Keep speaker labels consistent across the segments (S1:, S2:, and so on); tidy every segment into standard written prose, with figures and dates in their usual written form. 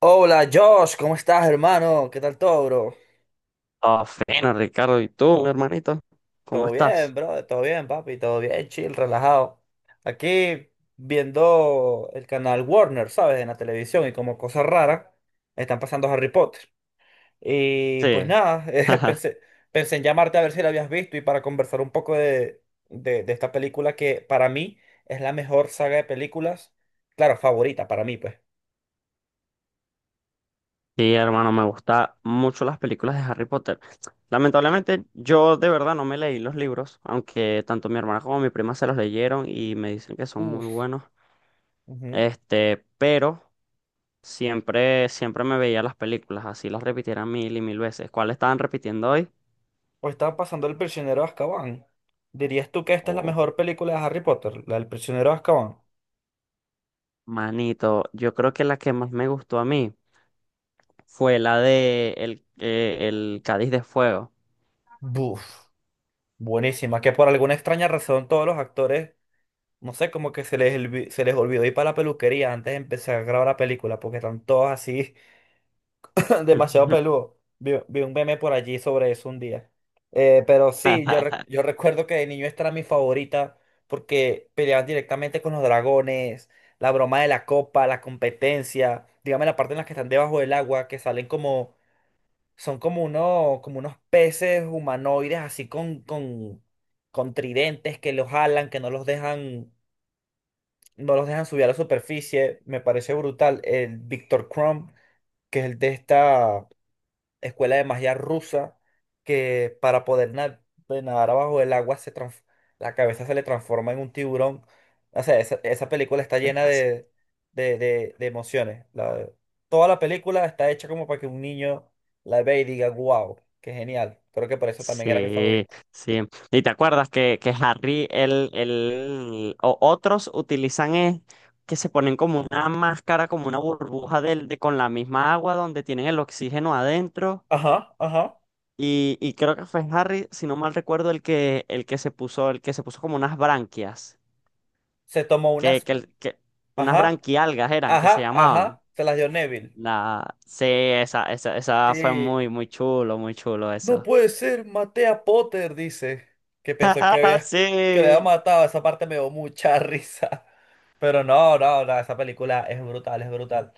S1: Hola Josh, ¿cómo estás, hermano? ¿Qué tal todo, bro?
S2: Ah, fino, Ricardo. ¿Y tú, mi hermanito? ¿Cómo
S1: Todo bien,
S2: estás?
S1: bro, todo bien, papi, todo bien, chill, relajado. Aquí viendo el canal Warner, ¿sabes? En la televisión y como cosa rara, están pasando Harry Potter. Y pues
S2: Sí.
S1: nada, pensé, pensé en llamarte a ver si la habías visto y para conversar un poco de esta película que para mí es la mejor saga de películas, claro, favorita para mí, pues.
S2: Sí, hermano, me gustan mucho las películas de Harry Potter. Lamentablemente, yo de verdad no me leí los libros, aunque tanto mi hermana como mi prima se los leyeron y me dicen que son muy
S1: Uf.
S2: buenos. Este, pero siempre me veía las películas, así las repitieran mil y mil veces. ¿Cuál estaban repitiendo hoy?
S1: O estaba pasando El prisionero de Azkaban. ¿Dirías tú que esta es la
S2: Oh,
S1: mejor película de Harry Potter, la del prisionero de Azkaban?
S2: manito, yo creo que la que más me gustó a mí fue la de el Cádiz de Fuego.
S1: Buf, buenísima, que por alguna extraña razón todos los actores, no sé, como que se les, se les olvidó ir para la peluquería antes de empezar a grabar la película, porque están todos así demasiado peludo. Vi un meme por allí sobre eso un día. Pero sí, yo recuerdo que de niño esta era mi favorita porque peleaban directamente con los dragones, la broma de la copa, la competencia, dígame la parte en la que están debajo del agua, que salen como, son como unos peces humanoides así con tridentes que los jalan, que no los dejan, no los dejan subir a la superficie. Me parece brutal. El Victor Crumb, que es el de esta escuela de magia rusa que para de nadar abajo del agua la cabeza se le transforma en un tiburón. O sea, esa película está llena de emociones. Toda la película está hecha como para que un niño la vea y diga, wow, qué genial. Creo que por eso también era mi
S2: Sí,
S1: favorito.
S2: sí. ¿Y te acuerdas que Harry, el, o otros utilizan es que se ponen como una máscara, como una burbuja de con la misma agua donde tienen el oxígeno adentro?
S1: Ajá, ajá.
S2: Y creo que fue Harry, si no mal recuerdo, el que se puso como unas branquias,
S1: Se tomó unas...
S2: que, el- que unas
S1: Ajá,
S2: branquialgas eran, que se
S1: ajá,
S2: llamaban.
S1: ajá. Se las dio Neville.
S2: La, sí, esa fue
S1: Sí.
S2: muy chulo, muy chulo
S1: No
S2: eso.
S1: puede ser, maté a Potter, dice, que pensó que había, que le había
S2: Sí.
S1: matado, esa parte me dio mucha risa, pero no, no, no, esa película es brutal, es brutal.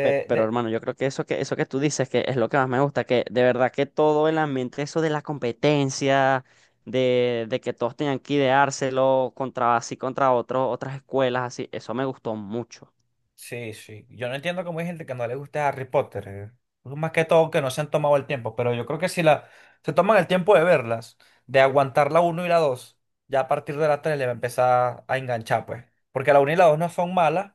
S2: Pe- Pero,
S1: De
S2: hermano, yo creo que eso que tú dices que es lo que más me gusta, que de verdad que todo el ambiente, eso de la competencia, de que todos tenían que ideárselo contra así contra otras escuelas, así, eso me gustó mucho.
S1: Sí, sí. Yo no entiendo cómo hay gente que no le guste Harry Potter. Más que todo que no se han tomado el tiempo, pero yo creo que si la, se toman el tiempo de verlas, de aguantar la uno y la 2, ya a partir de la 3 le va a empezar a enganchar, pues. Porque la uno y la 2 no son malas,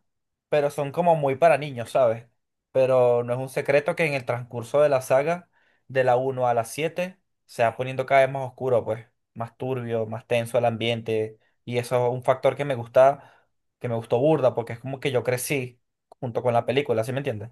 S1: pero son como muy para niños, ¿sabes? Pero no es un secreto que en el transcurso de la saga, de la uno a la 7 se va poniendo cada vez más oscuro, pues. Más turbio, más tenso el ambiente. Y eso es un factor que me gusta que me gustó burda porque es como que yo crecí junto con la película, ¿sí me entiendes?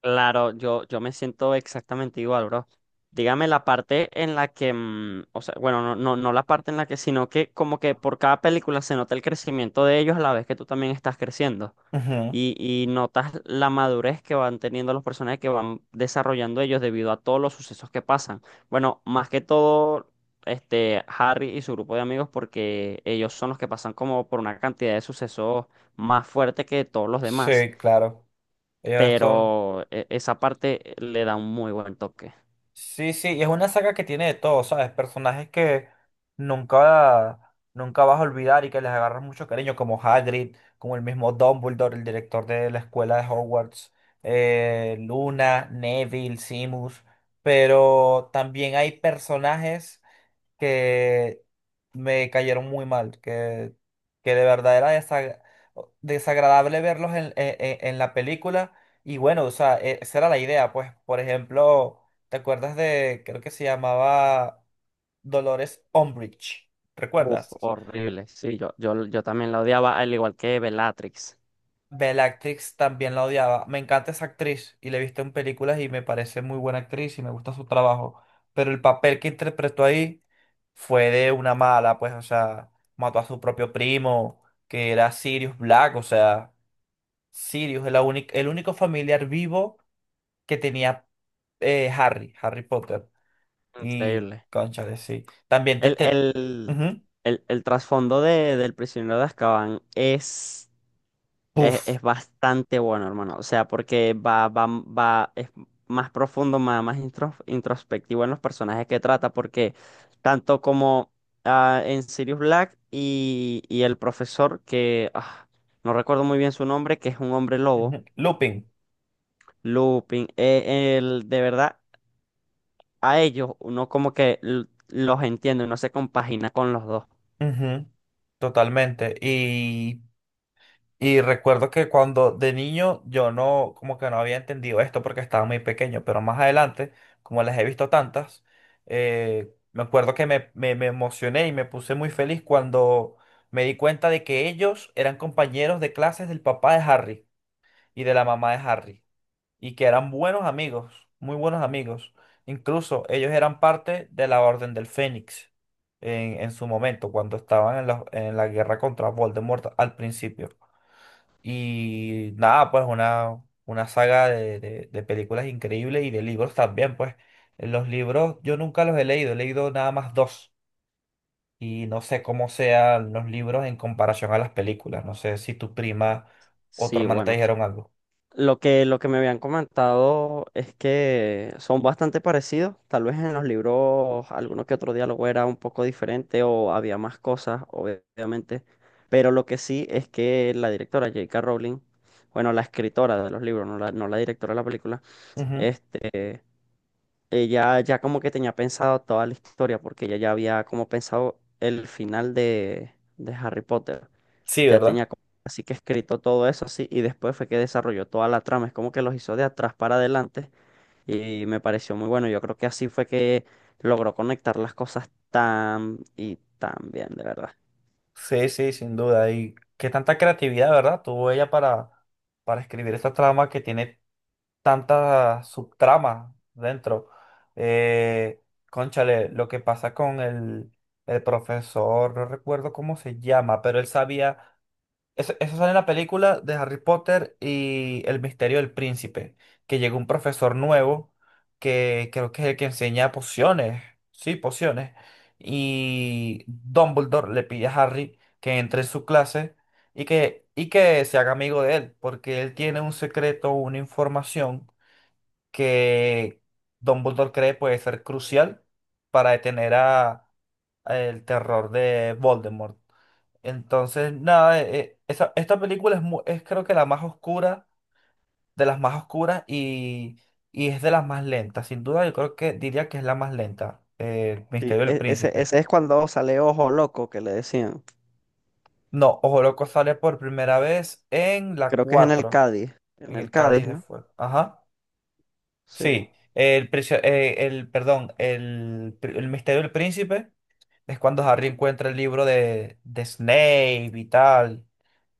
S2: Claro, yo me siento exactamente igual, bro. Dígame la parte en la que, o sea, bueno, no, no, no la parte en la que, sino que como que por cada película se nota el crecimiento de ellos a la vez que tú también estás creciendo.
S1: Ujú.
S2: Y notas la madurez que van teniendo los personajes que van desarrollando ellos debido a todos los sucesos que pasan. Bueno, más que todo, este, Harry y su grupo de amigos, porque ellos son los que pasan como por una cantidad de sucesos más fuerte que todos los
S1: Sí,
S2: demás,
S1: claro. Ellos son...
S2: pero esa parte le da un muy buen toque.
S1: Sí, sí, y es una saga que tiene de todo, ¿sabes? Personajes que nunca, nunca vas a olvidar y que les agarras mucho cariño, como Hagrid, como el mismo Dumbledore, el director de la escuela de Hogwarts, Luna, Neville, Simus, pero también hay personajes que me cayeron muy mal, que de verdad era desagradable verlos en la película. Y bueno, o sea, esa era la idea, pues, por ejemplo, ¿te acuerdas de, creo que se llamaba Dolores Umbridge?
S2: Uf,
S1: ¿Recuerdas?
S2: horrible. Sí, yo también la odiaba, al igual que Bellatrix.
S1: Bellatrix también la odiaba. Me encanta esa actriz y la he visto en películas y me parece muy buena actriz y me gusta su trabajo. Pero el papel que interpretó ahí fue de una mala, pues, o sea, mató a su propio primo, que era Sirius Black, o sea, Sirius, es la el único familiar vivo que tenía Harry, Harry Potter. Y,
S2: Increíble.
S1: cónchale, sí. También te...
S2: El,
S1: te...
S2: el,
S1: ujú.
S2: el trasfondo del prisionero de Azkaban es.
S1: Puff.
S2: Es bastante bueno, hermano. O sea, porque es más profundo, más introspectivo en los personajes que trata, porque tanto como ah, en Sirius Black y el profesor, que ah, no recuerdo muy bien su nombre, que es un hombre lobo,
S1: Ujú, Lupin.
S2: Lupin, el, de verdad, a ellos uno como que los entiende, uno se compagina con los dos.
S1: Ujú. Totalmente. Y recuerdo que cuando de niño yo no, como que no había entendido esto porque estaba muy pequeño, pero más adelante, como las he visto tantas, me acuerdo que me emocioné y me puse muy feliz cuando me di cuenta de que ellos eran compañeros de clases del papá de Harry y de la mamá de Harry, y que eran buenos amigos, muy buenos amigos. Incluso ellos eran parte de la Orden del Fénix en su momento, cuando estaban en la guerra contra Voldemort al principio. Y nada, pues una saga de películas increíbles y de libros también, pues. Los libros yo nunca los he leído nada más dos. Y no sé cómo sean los libros en comparación a las películas. No sé si tu prima o tu
S2: Sí,
S1: hermana te
S2: bueno.
S1: dijeron algo.
S2: Lo que me habían comentado es que son bastante parecidos. Tal vez en los libros alguno que otro diálogo era un poco diferente o había más cosas, obviamente. Pero lo que sí es que la directora J.K. Rowling, bueno, la escritora de los libros, no la directora de la película,
S1: Ujú.
S2: este, ella ya como que tenía pensado toda la historia porque ella ya había como pensado el final de Harry Potter,
S1: Sí,
S2: ya
S1: ¿verdad?
S2: tenía como así que escrito todo eso así y después fue que desarrolló toda la trama, es como que los hizo de atrás para adelante y me pareció muy bueno, yo creo que así fue que logró conectar las cosas tan y tan bien, de verdad.
S1: Sí, sí, sin duda. Y qué tanta creatividad, ¿verdad? Tuvo ella para escribir esta trama que tiene tantas subtramas dentro. Eh, Cónchale, lo que pasa con el profesor, no recuerdo cómo se llama, pero él sabía, eso sale en la película de Harry Potter y El Misterio del Príncipe, que llegó un profesor nuevo que creo que es el que enseña pociones, sí, pociones, y Dumbledore le pide a Harry que entre en su clase y que se haga amigo de él, porque él tiene un secreto, una información que Dumbledore cree puede ser crucial para detener a el terror de Voldemort. Entonces, nada, esta película es, es creo que la más oscura, de las más oscuras y es de las más lentas. Sin duda, yo creo que diría que es la más lenta,
S2: Sí,
S1: Misterio del
S2: e- ese,
S1: Príncipe.
S2: ese es cuando sale Ojo Loco que le decían,
S1: No, Ojo Loco sale por primera vez en la
S2: creo que es
S1: 4
S2: En
S1: en
S2: el
S1: el Cádiz
S2: Cádiz,
S1: de
S2: ¿no?
S1: Fuego. Ajá.
S2: Sí.
S1: Sí, el, prisio- el, perdón, el, pri- el Misterio del Príncipe. Es cuando Harry encuentra el libro de Snape y tal,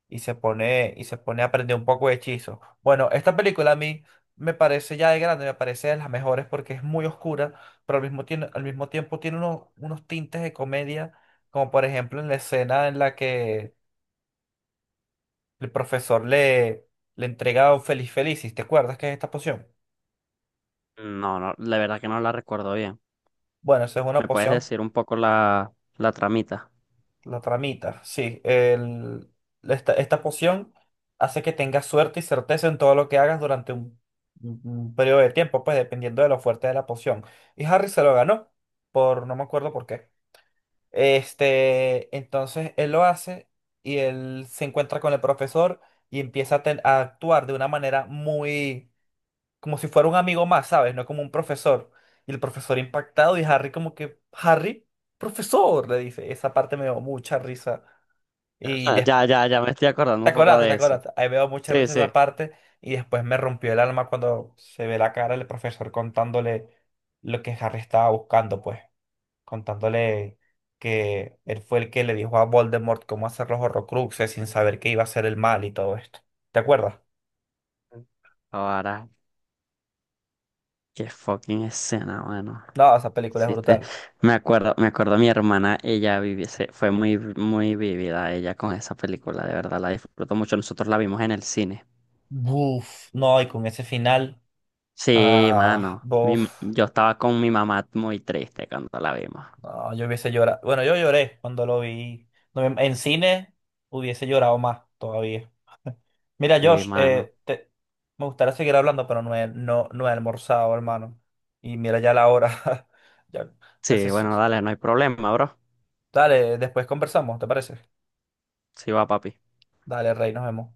S1: y se pone a aprender un poco de hechizo. Bueno, esta película a mí me parece ya de grande, me parece de las mejores porque es muy oscura, pero al mismo tiempo tiene unos tintes de comedia, como por ejemplo en la escena en la que el profesor le entrega un Feliz Felicis, ¿te acuerdas que es esta poción?
S2: No, no, la verdad que no la recuerdo bien.
S1: Bueno, esa es una
S2: ¿Me puedes
S1: poción.
S2: decir un poco la tramita?
S1: La tramita, sí. Esta poción hace que tengas suerte y certeza en todo lo que hagas durante un periodo de tiempo, pues dependiendo de lo fuerte de la poción. Y Harry se lo ganó, por no me acuerdo por qué. Este, entonces él lo hace y él se encuentra con el profesor y empieza a, a actuar de una manera muy, como si fuera un amigo más, ¿sabes? No como un profesor. Y el profesor impactado y Harry como que, Harry, profesor, le dice. Esa parte me dio mucha risa. Y des-
S2: Ya me estoy acordando
S1: Te
S2: un poco
S1: acordaste, te
S2: de eso.
S1: acordaste. Ahí veo mucha
S2: Sí,
S1: risa
S2: sí.
S1: esa parte y después me rompió el alma cuando se ve la cara del profesor contándole lo que Harry estaba buscando, pues. Contándole que él fue el que le dijo a Voldemort cómo hacer los Horrocruxes sin saber que iba a hacer el mal y todo esto. ¿Te acuerdas?
S2: Ahora. Qué fucking escena, mano.
S1: No, esa película es
S2: Sí, te.
S1: brutal.
S2: Me acuerdo mi hermana, fue muy vivida ella con esa película, de verdad, la disfrutó mucho. Nosotros la vimos en el cine.
S1: Buf, no, y con ese final,
S2: Sí,
S1: ah,
S2: mano.
S1: buf,
S2: Yo estaba con mi mamá muy triste cuando la vimos.
S1: no, yo hubiese llorado. Bueno, yo lloré cuando lo vi. No, en cine hubiese llorado más todavía. Mira,
S2: Sí,
S1: Josh,
S2: mano.
S1: me gustaría seguir hablando, pero no he almorzado, hermano. Y mira ya la hora. Ya casi
S2: Sí,
S1: eso.
S2: bueno, dale, no hay problema, bro.
S1: Dale, después conversamos, ¿te parece?
S2: Sí, va, papi.
S1: Dale, Rey, nos vemos.